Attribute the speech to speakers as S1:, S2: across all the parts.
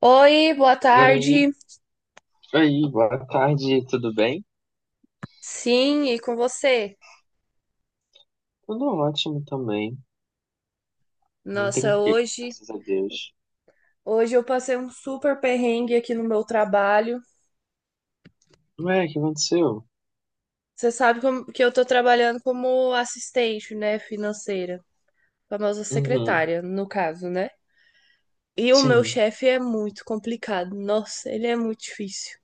S1: Oi, boa
S2: Oi,
S1: tarde.
S2: oi, boa tarde, tudo bem?
S1: Sim, e com você?
S2: Tudo ótimo também, bem
S1: Nossa,
S2: tranquilo,
S1: hoje,
S2: graças a Deus.
S1: hoje eu passei um super perrengue aqui no meu trabalho.
S2: Ué, o que aconteceu?
S1: Você sabe que eu tô trabalhando como assistente, né, financeira, famosa
S2: Uhum,
S1: secretária, no caso, né? E o meu
S2: sim,
S1: chefe é muito complicado. Nossa, ele é muito difícil.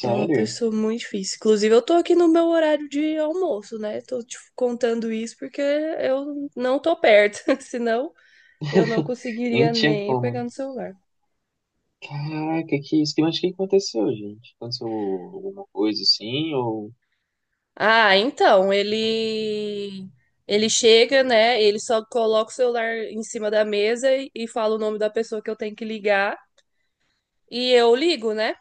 S1: É uma pessoa muito difícil. Inclusive, eu tô aqui no meu horário de almoço, né? Tô te contando isso porque eu não tô perto, senão eu não
S2: Nem
S1: conseguiria
S2: tinha
S1: nem pegar
S2: como.
S1: no celular.
S2: Caraca, que isso, que- mas o que aconteceu, gente? Aconteceu alguma coisa assim, ou...
S1: Ah, então, ele chega, né? Ele só coloca o celular em cima da mesa e fala o nome da pessoa que eu tenho que ligar e eu ligo, né?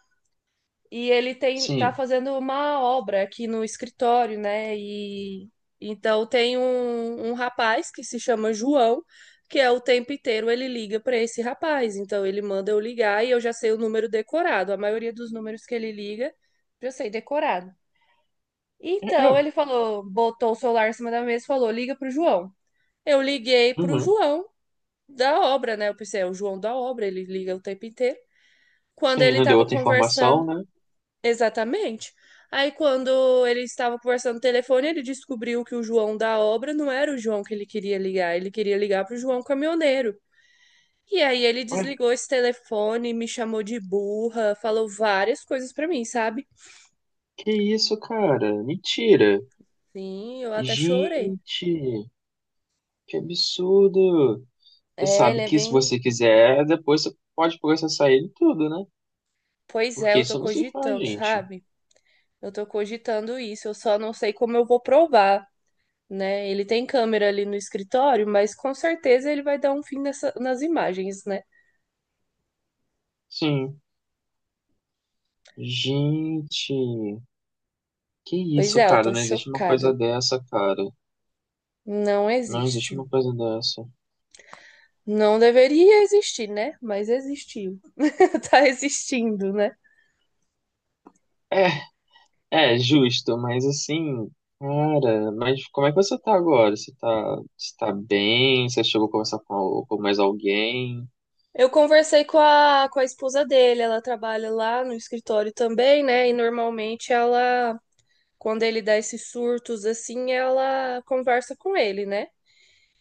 S1: E ele tem tá
S2: Sim,
S1: fazendo uma obra aqui no escritório, né? E então tem um rapaz que se chama João, que é o tempo inteiro ele liga para esse rapaz. Então ele manda eu ligar e eu já sei o número decorado. A maioria dos números que ele liga, eu já sei decorado.
S2: é,
S1: Então
S2: é,
S1: ele falou, botou o celular em cima da mesa e falou: liga pro João. Eu liguei pro
S2: uhum,
S1: João da obra, né? Eu pensei, é o João da obra, ele liga o tempo inteiro. Quando
S2: sim,
S1: ele
S2: não deu
S1: tava
S2: outra
S1: conversando,
S2: informação, né?
S1: exatamente. Aí quando ele estava conversando no telefone, ele descobriu que o João da obra não era o João que ele queria ligar pro João caminhoneiro. E aí ele
S2: Ué,
S1: desligou esse telefone, me chamou de burra, falou várias coisas pra mim, sabe?
S2: que isso, cara? Mentira!
S1: Sim, eu até chorei.
S2: Gente, que absurdo! Você
S1: É, ele
S2: sabe
S1: é
S2: que se
S1: bem.
S2: você quiser, depois você pode processar ele tudo, né?
S1: Pois é,
S2: Porque
S1: eu tô
S2: isso não se faz,
S1: cogitando,
S2: gente.
S1: sabe? Eu tô cogitando isso, eu só não sei como eu vou provar, né? Ele tem câmera ali no escritório, mas com certeza ele vai dar um fim nas imagens, né?
S2: Sim. Gente, que
S1: Pois
S2: isso,
S1: é, eu
S2: cara?
S1: tô
S2: Não existe uma coisa
S1: chocada.
S2: dessa, cara.
S1: Não
S2: Não existe
S1: existe.
S2: uma coisa dessa.
S1: Não deveria existir, né? Mas existiu. Tá existindo, né?
S2: É, é justo, mas assim, cara, mas como é que você tá agora? Você tá bem? Você chegou a conversar com, al- com mais alguém?
S1: Eu conversei com com a esposa dele, ela trabalha lá no escritório também, né? E normalmente ela, quando ele dá esses surtos assim, ela conversa com ele, né?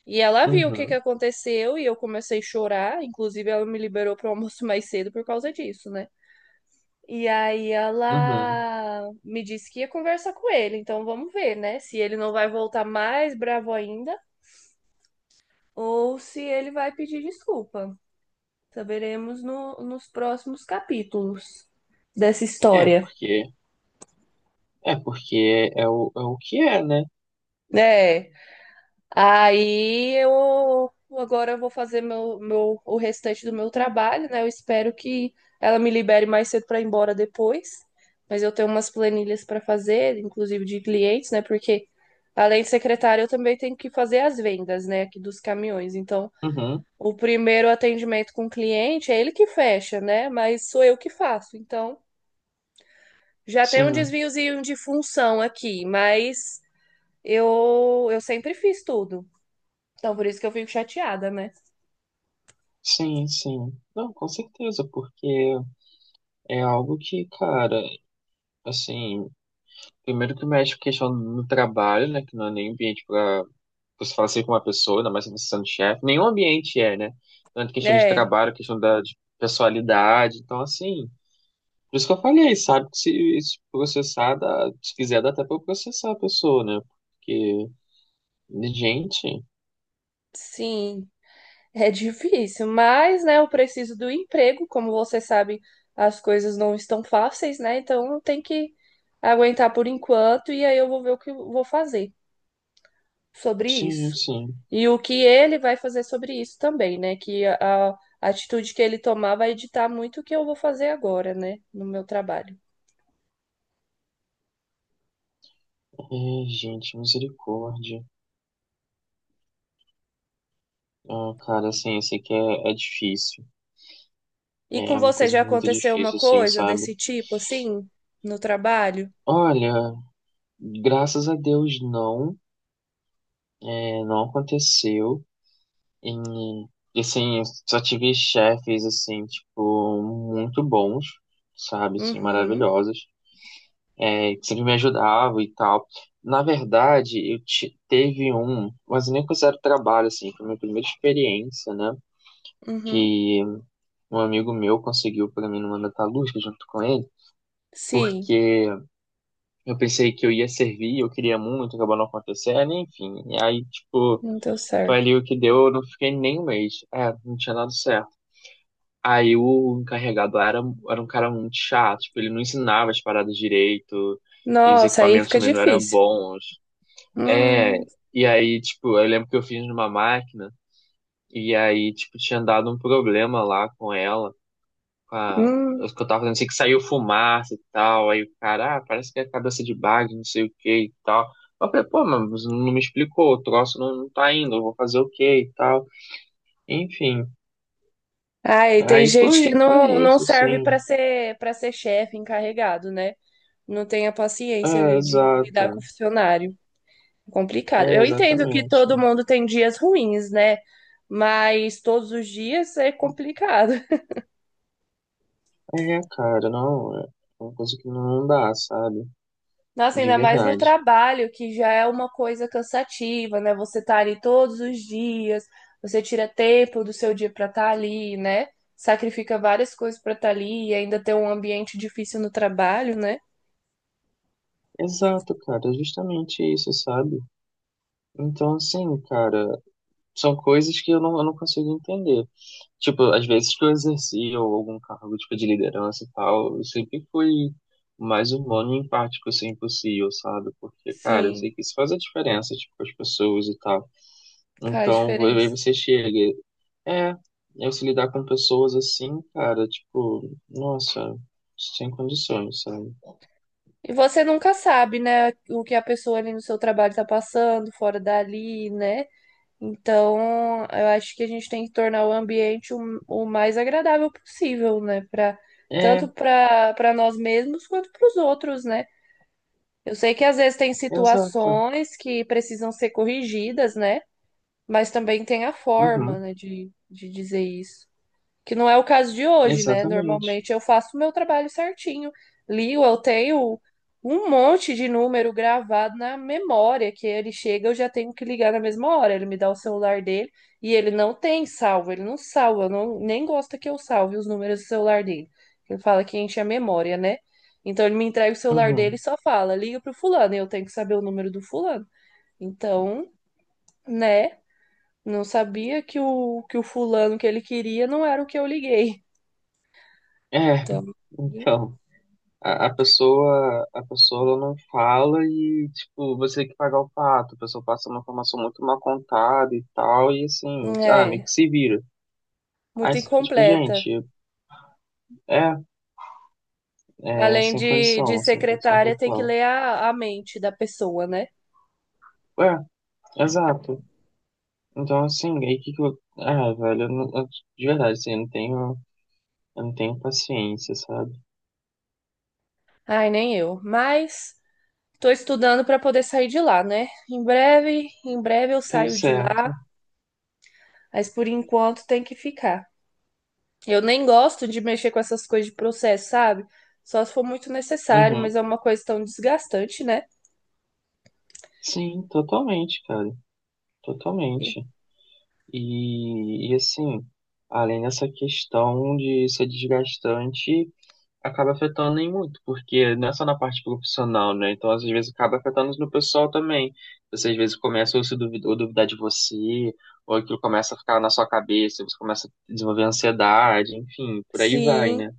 S1: E ela viu o que que
S2: Uhum,
S1: aconteceu e eu comecei a chorar. Inclusive, ela me liberou para o almoço mais cedo por causa disso, né? E aí
S2: uhum.
S1: ela me disse que ia conversar com ele. Então vamos ver, né? Se ele não vai voltar mais bravo ainda ou se ele vai pedir desculpa. Saberemos nos próximos capítulos dessa
S2: É,
S1: história.
S2: porque, é porque é o, é o que é, né?
S1: É. Aí eu agora eu vou fazer o restante do meu trabalho, né? Eu espero que ela me libere mais cedo para ir embora depois. Mas eu tenho umas planilhas para fazer, inclusive de clientes, né? Porque além de secretária, eu também tenho que fazer as vendas, né? Aqui dos caminhões. Então,
S2: Uhum,
S1: o primeiro atendimento com o cliente é ele que fecha, né? Mas sou eu que faço. Então, já tem um
S2: sim.
S1: desviozinho de função aqui, mas eu sempre fiz tudo. Então, por isso que eu fico chateada, né?
S2: Sim, sim. Não, com certeza, porque é algo que, cara, assim, primeiro que mexe com questão no trabalho, né, que não é nem ambiente para você falar assim com uma pessoa, ainda mais se você sendo chefe, nenhum ambiente é, né? Tanto questão de
S1: É,
S2: trabalho, questão da de pessoalidade, então, assim, por isso que eu falei, sabe, que se processar, dá, se quiser, dá até pra processar a pessoa, né? Porque, gente,
S1: sim, é difícil, mas, né, eu preciso do emprego, como você sabe, as coisas não estão fáceis, né? Então eu tenho que aguentar por enquanto e aí eu vou ver o que eu vou fazer sobre
S2: sim,
S1: isso.
S2: sim.
S1: E o que ele vai fazer sobre isso também, né? A atitude que ele tomar vai ditar muito o que eu vou fazer agora, né, no meu trabalho.
S2: É, gente, misericórdia. Ah, cara, assim, eu sei que é, é difícil.
S1: E com
S2: É uma
S1: você
S2: coisa
S1: já
S2: muito
S1: aconteceu uma
S2: difícil, assim,
S1: coisa
S2: sabe?
S1: desse tipo, assim, no trabalho?
S2: Olha, graças a Deus não, é, não aconteceu. E, assim, eu só tive chefes, assim, tipo, muito bons, sabe? Assim,
S1: Uhum,
S2: maravilhosos, é, que sempre me ajudavam e tal. Na verdade, eu te, teve um, mas eu nem considero trabalho, assim, foi a minha primeira experiência, né?
S1: uhum.
S2: Que um amigo meu conseguiu para mim numa metalúrgica junto com ele,
S1: Sim,
S2: porque eu pensei que eu ia servir, eu queria muito, acabou não acontecendo, enfim. E aí, tipo,
S1: não deu
S2: foi
S1: certo.
S2: ali o que deu, eu não fiquei nem um mês. É, não tinha dado certo. Aí o encarregado lá era, era um cara muito chato, tipo, ele não ensinava as paradas direito, e os
S1: Nossa, aí
S2: equipamentos
S1: fica
S2: também não eram
S1: difícil.
S2: bons. É,
S1: Hum,
S2: e aí, tipo, eu lembro que eu fiz numa máquina, e aí, tipo, tinha dado um problema lá com ela com a,
S1: hum.
S2: os que eu tava fazendo, assim, que saiu fumaça e tal, aí o cara, ah, parece que é cabeça de bag, não sei o que e tal. Eu falei, pô, mas não me explicou, o troço não, não tá indo, eu vou fazer o quê e tal. Enfim,
S1: Aí tem
S2: aí
S1: gente
S2: foi,
S1: que
S2: foi
S1: não, não
S2: isso,
S1: serve
S2: sim.
S1: para ser chefe encarregado, né? Não tem a paciência
S2: É,
S1: ali de lidar com
S2: exato.
S1: o funcionário. Complicado.
S2: É,
S1: Eu entendo que
S2: exatamente.
S1: todo mundo tem dias ruins, né? Mas todos os dias é complicado.
S2: É, cara, não, é uma coisa que não dá, sabe?
S1: Nossa,
S2: De
S1: ainda mais no
S2: verdade.
S1: trabalho, que já é uma coisa cansativa, né? Você tá ali todos os dias, você tira tempo do seu dia para estar ali, né? Sacrifica várias coisas para estar ali e ainda ter um ambiente difícil no trabalho, né?
S2: Exato, cara, é justamente isso, sabe? Então, assim, cara, são coisas que eu não consigo entender. Tipo, às vezes que eu exercia algum cargo, tipo, de liderança e tal, eu sempre fui o mais humano e empático assim possível, sabe? Porque, cara, eu sei
S1: Sim,
S2: que isso faz a diferença, tipo, com as pessoas e tal.
S1: faz
S2: Então, aí
S1: diferença.
S2: você chega, e, é, eu se lidar com pessoas assim, cara, tipo, nossa, sem condições, sabe?
S1: E você nunca sabe, né, o que a pessoa ali no seu trabalho tá passando, fora dali, né? Então, eu acho que a gente tem que tornar o ambiente o mais agradável possível, né? Pra,
S2: É,
S1: tanto para nós mesmos quanto para os outros, né? Eu sei que às vezes tem
S2: exato.
S1: situações que precisam ser corrigidas, né? Mas também tem a forma,
S2: Uhum,
S1: né, de dizer isso. Que não é o caso de hoje, né?
S2: exatamente.
S1: Normalmente eu faço o meu trabalho certinho. Ligo, eu tenho um monte de número gravado na memória que ele chega, eu já tenho que ligar na mesma hora. Ele me dá o celular dele e ele não tem salvo, ele não salva, não, nem gosta que eu salve os números do celular dele. Ele fala que enche a memória, né? Então ele me entrega o celular dele e
S2: Uhum.
S1: só fala: liga pro fulano, e eu tenho que saber o número do fulano. Então, né? Não sabia que que o fulano que ele queria não era o que eu liguei.
S2: É,
S1: Então,
S2: então. A pessoa ela não fala e, tipo, você tem que pagar o pato. A pessoa passa uma informação muito mal contada e tal, e assim, ah, meio
S1: é
S2: que se vira.
S1: muito
S2: Aí você fica tipo,
S1: incompleta.
S2: gente, é, é
S1: Além
S2: sem
S1: de
S2: condição, sem condição
S1: secretária, tem que
S2: total.
S1: ler a mente da pessoa, né?
S2: É, exato. Então, assim, aí que eu. Ah, velho, eu de verdade, assim, eu não tenho paciência, sabe?
S1: Ai, nem eu. Mas tô estudando para poder sair de lá, né? Em breve eu
S2: Tá
S1: saio de lá,
S2: certo.
S1: mas por enquanto tem que ficar. Eu nem gosto de mexer com essas coisas de processo, sabe? Só se for muito necessário,
S2: Uhum.
S1: mas é uma coisa tão desgastante, né?
S2: Sim, totalmente, cara.
S1: E-
S2: Totalmente. E assim, além dessa questão de ser desgastante, acaba afetando em muito, porque não é só na parte profissional, né? Então, às vezes, acaba afetando no pessoal também. Você, às vezes, começa a se duvidar, ou duvidar de você, ou aquilo começa a ficar na sua cabeça, você começa a desenvolver ansiedade, enfim, por aí vai, né?
S1: sim.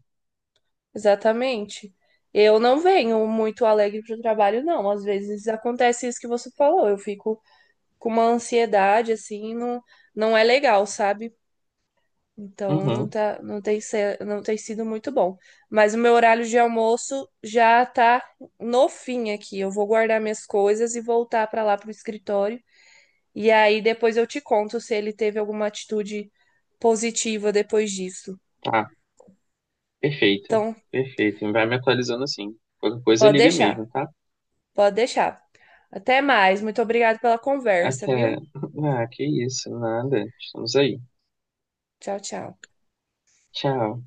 S1: Exatamente. Eu não venho muito alegre para o trabalho, não. Às vezes acontece isso que você falou. Eu fico com uma ansiedade, assim, não, não é legal, sabe? Então
S2: Uhum,
S1: não tem sido muito bom. Mas o meu horário de almoço já tá no fim aqui. Eu vou guardar minhas coisas e voltar para lá pro escritório. E aí depois eu te conto se ele teve alguma atitude positiva depois disso.
S2: tá, perfeito,
S1: Então,
S2: perfeito. Vai me atualizando assim. Qualquer coisa,
S1: pode
S2: liga
S1: deixar,
S2: mesmo, tá?
S1: pode deixar. Até mais. Muito obrigada pela conversa,
S2: Até.
S1: viu?
S2: Ah, que isso, nada. Estamos aí.
S1: Tchau, tchau.
S2: Tchau.